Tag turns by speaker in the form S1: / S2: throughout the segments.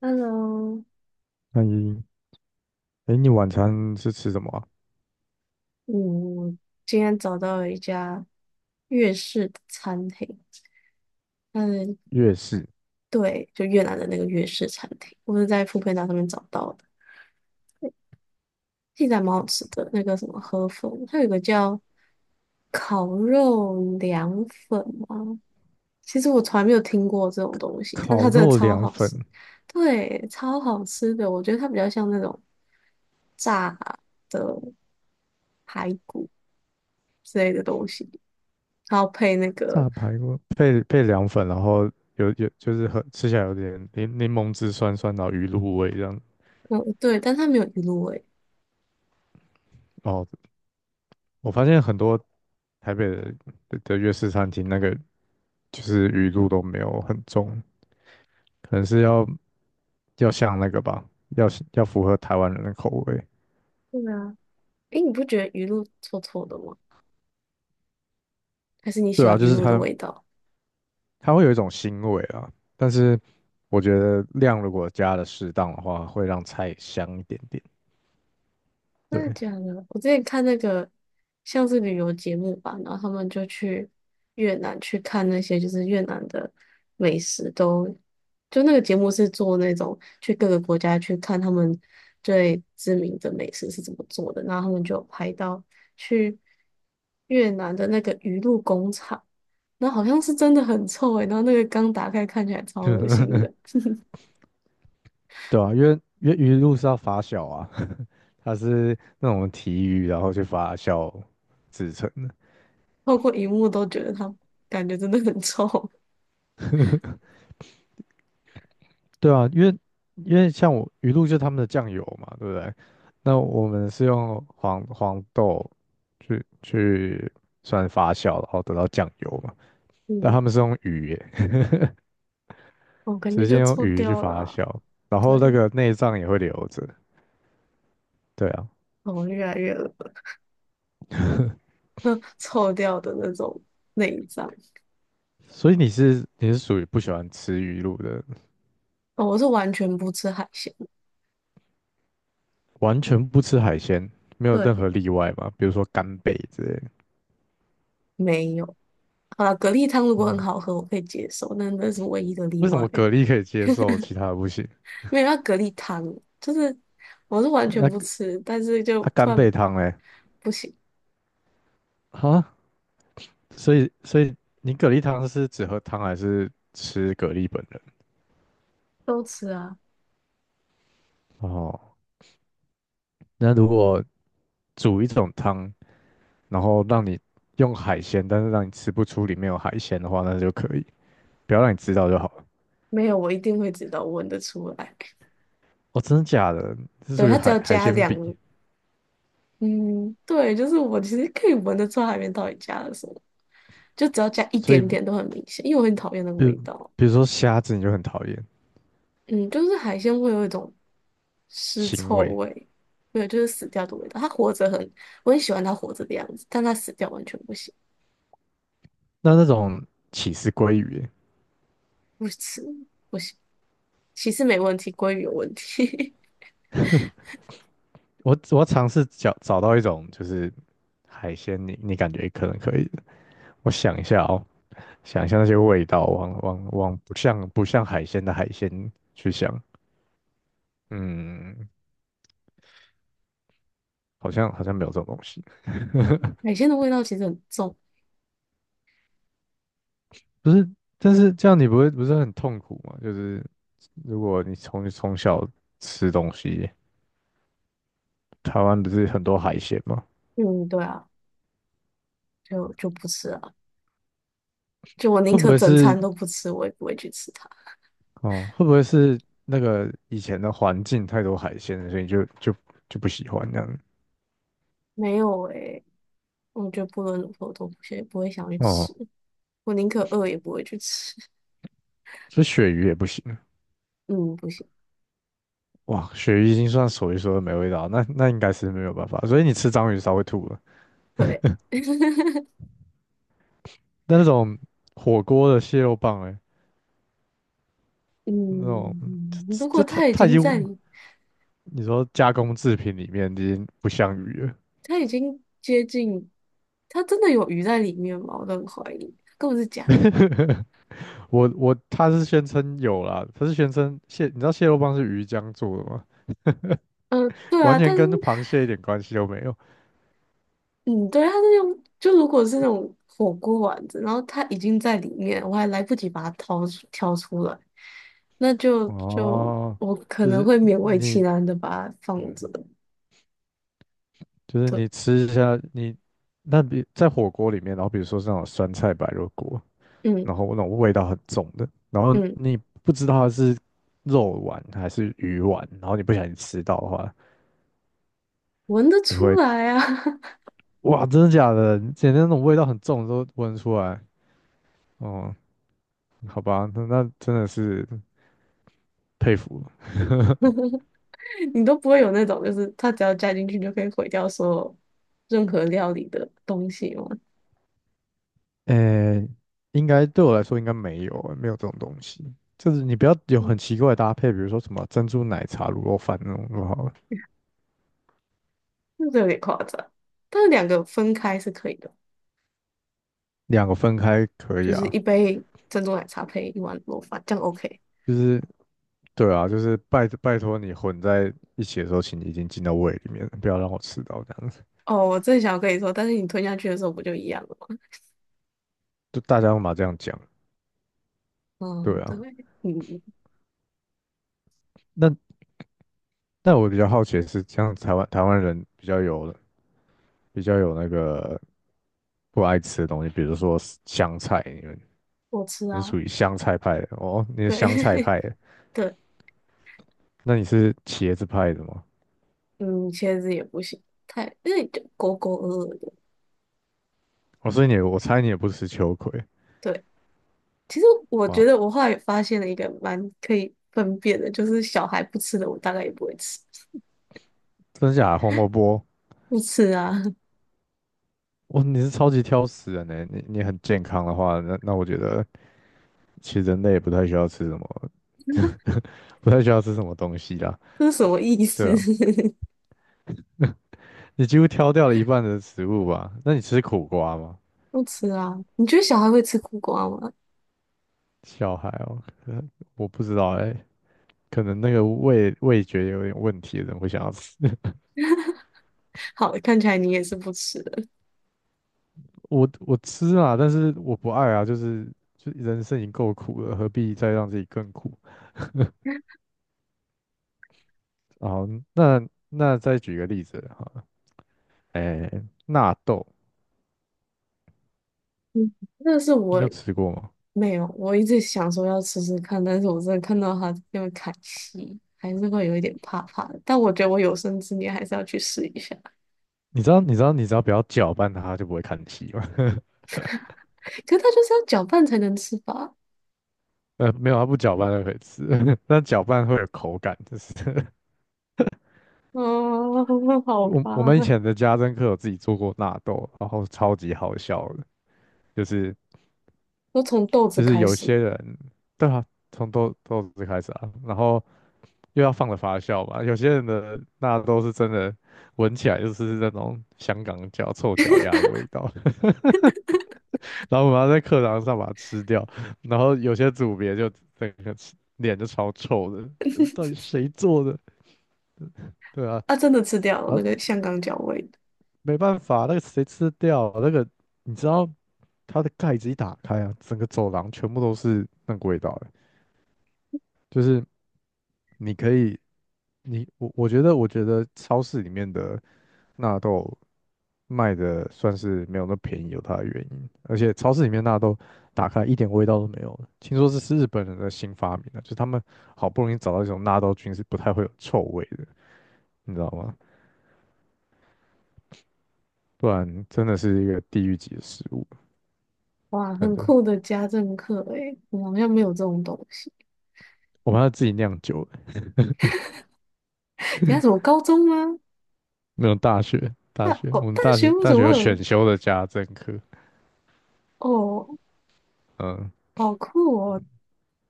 S1: Hello，
S2: 那你，哎，你晚餐是吃什么啊？
S1: 我今天找到了一家粤式的餐厅，嗯，
S2: 粤式
S1: 对，就越南的那个粤式餐厅，我是在富 o 达上面找到的，现在蛮好吃的。那个什么河粉，它有一个叫烤肉凉粉吗？其实我从来没有听过这种东西，但
S2: 烤
S1: 它真的
S2: 肉
S1: 超
S2: 凉
S1: 好
S2: 粉、
S1: 吃，对，超好吃的。我觉得它比较像那种炸的排骨之类的东西，然后配那个。
S2: 炸排骨配凉粉，然后有有就是很吃起来有点柠檬汁酸酸，然后鱼露味这样。
S1: 嗯，对，但它没有鱼露味。
S2: 哦，我发现很多台北的粤式餐厅那个就是鱼露都没有很重，可能是要像那个吧，要要符合台湾人的口味。
S1: 对啊，诶，你不觉得鱼露臭臭的吗？还是你喜
S2: 对啊，
S1: 欢
S2: 就
S1: 鱼
S2: 是
S1: 露的
S2: 它
S1: 味道？
S2: 它会有一种腥味啊，但是我觉得量如果加的适当的话，会让菜香一点点。
S1: 真的
S2: 对，
S1: 假的？我之前看那个像是旅游节目吧，然后他们就去越南去看那些就是越南的美食都，就那个节目是做那种去各个国家去看他们最知名的美食是怎么做的，然后他们就有拍到去越南的那个鱼露工厂，那好像是真的很臭诶、然后那个缸打开看起来超恶心的，
S2: 对啊，因为鱼露是要发酵啊，它是那种提鱼然后去发酵制成的。
S1: 透过荧幕都觉得它感觉真的很臭，
S2: 对啊，因为像我鱼露就是他们的酱油嘛，对不对？那我们是用黄豆去算发酵，然后得到酱油嘛，但
S1: 嗯。
S2: 他们是用鱼耶。
S1: 我感觉
S2: 直
S1: 就
S2: 接用
S1: 臭
S2: 鱼去
S1: 掉了
S2: 发
S1: 啊
S2: 酵，然后那
S1: 对，
S2: 个内脏也会留着。对啊，
S1: 哦，越来越恶 臭掉的那种内脏。
S2: 所以你是属于不喜欢吃鱼露的人。
S1: 哦，我是完全不吃海鲜的
S2: 完全不吃海鲜，没有任何
S1: 对，
S2: 例外嘛？比如说干贝之类
S1: 没有。好了，蛤蜊汤如果很
S2: 的。
S1: 好喝，我可以接受，那那是唯一的例
S2: 为什么
S1: 外。
S2: 蛤蜊可以接受，其他的不行？
S1: 没有，那蛤蜊汤就是我是完全
S2: 那
S1: 不
S2: 个
S1: 吃，但是就
S2: 啊，
S1: 突
S2: 干
S1: 然
S2: 贝汤嘞？
S1: 不行，
S2: 啊，所以你蛤蜊汤是只喝汤还是吃蛤蜊本人？
S1: 都吃啊。
S2: 哦，那如果煮一种汤，然后让你用海鲜，但是让你吃不出里面有海鲜的话，那就可以。不要让你知道就好了。
S1: 没有，我一定会知道，我闻得出来。
S2: 哦，真的假的？这
S1: 对，
S2: 属于
S1: 它只
S2: 海
S1: 要
S2: 海
S1: 加
S2: 鲜
S1: 两，
S2: 比，
S1: 嗯，对，就是我其实可以闻得出来海面到底加了什么。就只要加一
S2: 所以
S1: 点点都很明显，因为我很讨厌那个
S2: 比如
S1: 味道。
S2: 比如说虾子你就很讨厌
S1: 嗯，就是海鲜会有一种尸
S2: 腥
S1: 臭
S2: 味。
S1: 味，对，就是死掉的味道。它活着很，我很喜欢它活着的样子，但它死掉完全不行，
S2: 那那种起司鲑鱼欸，
S1: 不吃不行。其实没问题，鲑鱼有问题，
S2: 我要尝试找到一种就是海鲜你，你感觉可能可以的。我想一下哦，想一下那些味道，往不像海鲜的海鲜去想，嗯，好像没有这种东西。
S1: 海鲜的味道其实很重。
S2: 不是，但是这样你不会不是很痛苦吗？就是如果你从小吃东西，台湾不是很多海鲜吗？
S1: 嗯，对啊，就不吃啊。就我宁
S2: 会不
S1: 可
S2: 会
S1: 整
S2: 是
S1: 餐都不吃，我也不会去吃它。
S2: 哦？会不会是那个以前的环境太多海鲜了所以就不喜欢这样？
S1: 没有诶、我觉得不论如何我都不会想去
S2: 哦，
S1: 吃，我宁可饿也不会去吃。
S2: 所以鳕鱼也不行。
S1: 嗯，不行。
S2: 哇，鳕鱼已经算所一数二没味道，那那应该是没有办法。所以你吃章鱼烧会吐了。
S1: 对，
S2: 但那种火锅的蟹肉棒、欸，哎，那种
S1: 嗯，
S2: 这
S1: 如果
S2: 这它
S1: 它已
S2: 它已
S1: 经
S2: 经
S1: 在你，
S2: 你说加工制品里面已经不像鱼了。
S1: 它已经接近，它真的有鱼在里面吗？我都很怀疑，根本是假的。
S2: 我他是宣称有啦，他是宣称蟹，你知道蟹肉棒是鱼浆做的吗？
S1: 对
S2: 完
S1: 啊，
S2: 全
S1: 但是，
S2: 跟螃蟹一点关系都没有。
S1: 嗯，对，它是用，就如果是那种火锅丸子，然后它已经在里面，我还来不及把它掏出挑出来，那就就
S2: 哦，
S1: 我可
S2: 就
S1: 能
S2: 是
S1: 会勉为其
S2: 你，
S1: 难的把它放
S2: 嗯，
S1: 着。
S2: 就是
S1: 对，
S2: 你吃一下你。那比在火锅里面，然后比如说是那种酸菜白肉锅，
S1: 嗯
S2: 然后那种味道很重的，然后
S1: 嗯，
S2: 你不知道它是肉丸还是鱼丸，然后你不小心吃到的话，
S1: 闻得
S2: 你
S1: 出
S2: 会。
S1: 来啊。
S2: 哇，真的假的？简直那种味道很重都闻得出来。哦，好吧，那那真的是佩服了。
S1: 你都不会有那种，就是它只要加进去就可以毁掉所有任何料理的东西吗？
S2: 诶，应该对我来说应该没有欸，没有这种东西。就是你不要有
S1: 嗯，
S2: 很奇怪的搭配，比如说什么珍珠奶茶、卤肉饭那种就好了，
S1: 那个有点夸张。但是两个分开是可以的，
S2: 两个分开可以
S1: 就是
S2: 啊。
S1: 一杯珍珠奶茶配一碗螺饭，这样 OK。
S2: 就是对啊，就是拜托你混在一起的时候，请你已经进到胃里面了，不要让我吃到这样子。
S1: 哦，我正想跟你说，但是你吞下去的时候不就一样了吗？
S2: 就大家都嘛这样讲，
S1: 嗯，
S2: 对
S1: 对，
S2: 啊。
S1: 嗯，
S2: 那但我比较好奇的是，像台湾人比较有那个不爱吃的东西，比如说香菜，你们
S1: 我吃
S2: 你是
S1: 啊，
S2: 属于香菜派的哦，你是香菜
S1: 对
S2: 派的，
S1: 对，
S2: 那你是茄子派的吗？
S1: 嗯，茄子也不行，太，因为就勾勾的，
S2: 哦，所以你我猜你也不吃秋葵，
S1: 对，其实我觉
S2: 哇，
S1: 得我后来也发现了一个蛮可以分辨的，就是小孩不吃的，我大概也不会吃。
S2: 真假的红萝卜，
S1: 不吃啊，
S2: 哇，你是超级挑食人呢，你你很健康的话，那那我觉得其实人类也不太需要吃什么，不太需要吃什么东西啦，
S1: 这是什么意思？
S2: 对啊，你几乎挑掉了一半的食物吧？那你吃苦瓜吗？
S1: 不吃啊？你觉得小孩会吃苦瓜吗？
S2: 小孩哦，可我不知道哎、可能那个味觉有点问题的人会想要吃。
S1: 好，看起来你也是不吃的。
S2: 我吃啊，但是我不爱啊，就是就人生已经够苦了，何必再让自己更苦？好，那那再举个例子哈，哎，纳豆，
S1: 嗯，那是
S2: 你
S1: 我
S2: 有吃过吗？
S1: 没有，我一直想说要吃吃看，但是我真的看到他那么砍戏，还是会有一点怕怕的。但我觉得我有生之年还是要去试一下。
S2: 你知道你只要不要搅拌它，它就不会看稀吗？
S1: 可是它就是要搅拌才能吃吧？
S2: 没有，它不搅拌就可以吃，但搅拌会有口感，就是
S1: 啊，好
S2: 我我
S1: 吧，
S2: 们以前的家政课有自己做过纳豆，然后超级好笑的，就是。
S1: 都从豆子
S2: 就是
S1: 开
S2: 有
S1: 始。
S2: 些人，对啊，从豆子开始啊，然后又要放了发酵嘛，有些人的那都是真的，闻起来就是那种香港脚、臭脚丫的味道，然后我们要在课堂上把它吃掉，然后有些组别就整个吃脸就超臭的，呃到底 谁做的？对啊，
S1: 啊，真的吃掉了
S2: 然
S1: 那
S2: 后
S1: 个香港脚味的。
S2: 没办法，那个谁吃得掉那个，你知道它的盖子一打开啊，整个走廊全部都是那个味道的，就是。你可以，你我觉得，我觉得超市里面的纳豆卖的算是没有那么便宜，有它的原因。而且超市里面纳豆打开一点味道都没有了，听说这是日本人的新发明的，就他们好不容易找到一种纳豆菌是不太会有臭味的，你知道吗？不然真的是一个地狱级的食物，
S1: 哇，
S2: 真
S1: 很
S2: 的。
S1: 酷的家政课诶，我们好像没有这种东西。
S2: 我们还要自己酿酒，
S1: 你看什么高中吗？
S2: 没有大学，大
S1: 大
S2: 学我
S1: 哦，
S2: 们
S1: 大
S2: 大
S1: 学
S2: 学
S1: 为什
S2: 大学
S1: 么会
S2: 有
S1: 有？
S2: 选修的家政课，
S1: 哦，
S2: 嗯，
S1: 好酷哦！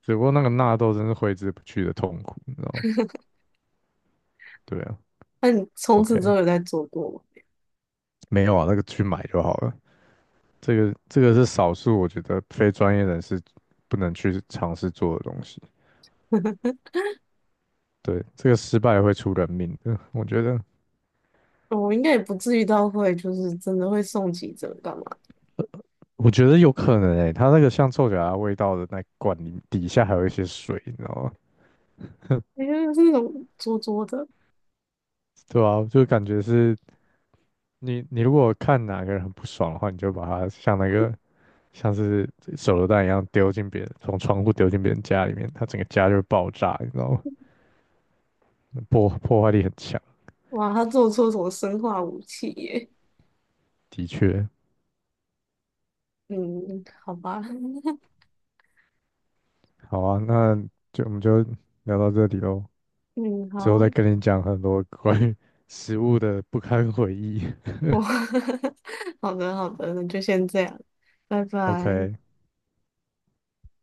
S2: 只不过那个纳豆真是挥之不去的痛苦，你知道吗？对啊
S1: 那你从此之
S2: ，OK，
S1: 后有在做过
S2: 没有啊，那个去买就好了。这个是少数我觉得非专业人士不能去尝试做的东西。
S1: 吗？
S2: 对，这个失败会出人命的，我觉得
S1: 我应该也不至于到会，就是真的会送急诊干嘛？
S2: 我觉得有可能诶、它那个像臭脚丫味道的那罐里底下还有一些水，你知道吗？
S1: 因为是那种拙拙的，
S2: 对啊，就感觉是你你如果看哪个人很不爽的话，你就把他像那个像是手榴弹一样丢进别人，从窗户丢进别人家里面，他整个家就会爆炸，你知道吗？破坏力很强，
S1: 哇，他做出什么生化武器耶？
S2: 的确。
S1: 嗯，好吧。
S2: 好啊，那我们就聊到这里喽，
S1: 嗯，
S2: 之后再
S1: 好，
S2: 跟你讲很多关于食物的不堪回忆。
S1: 我 好的好的，那就先这样，拜 拜。
S2: OK。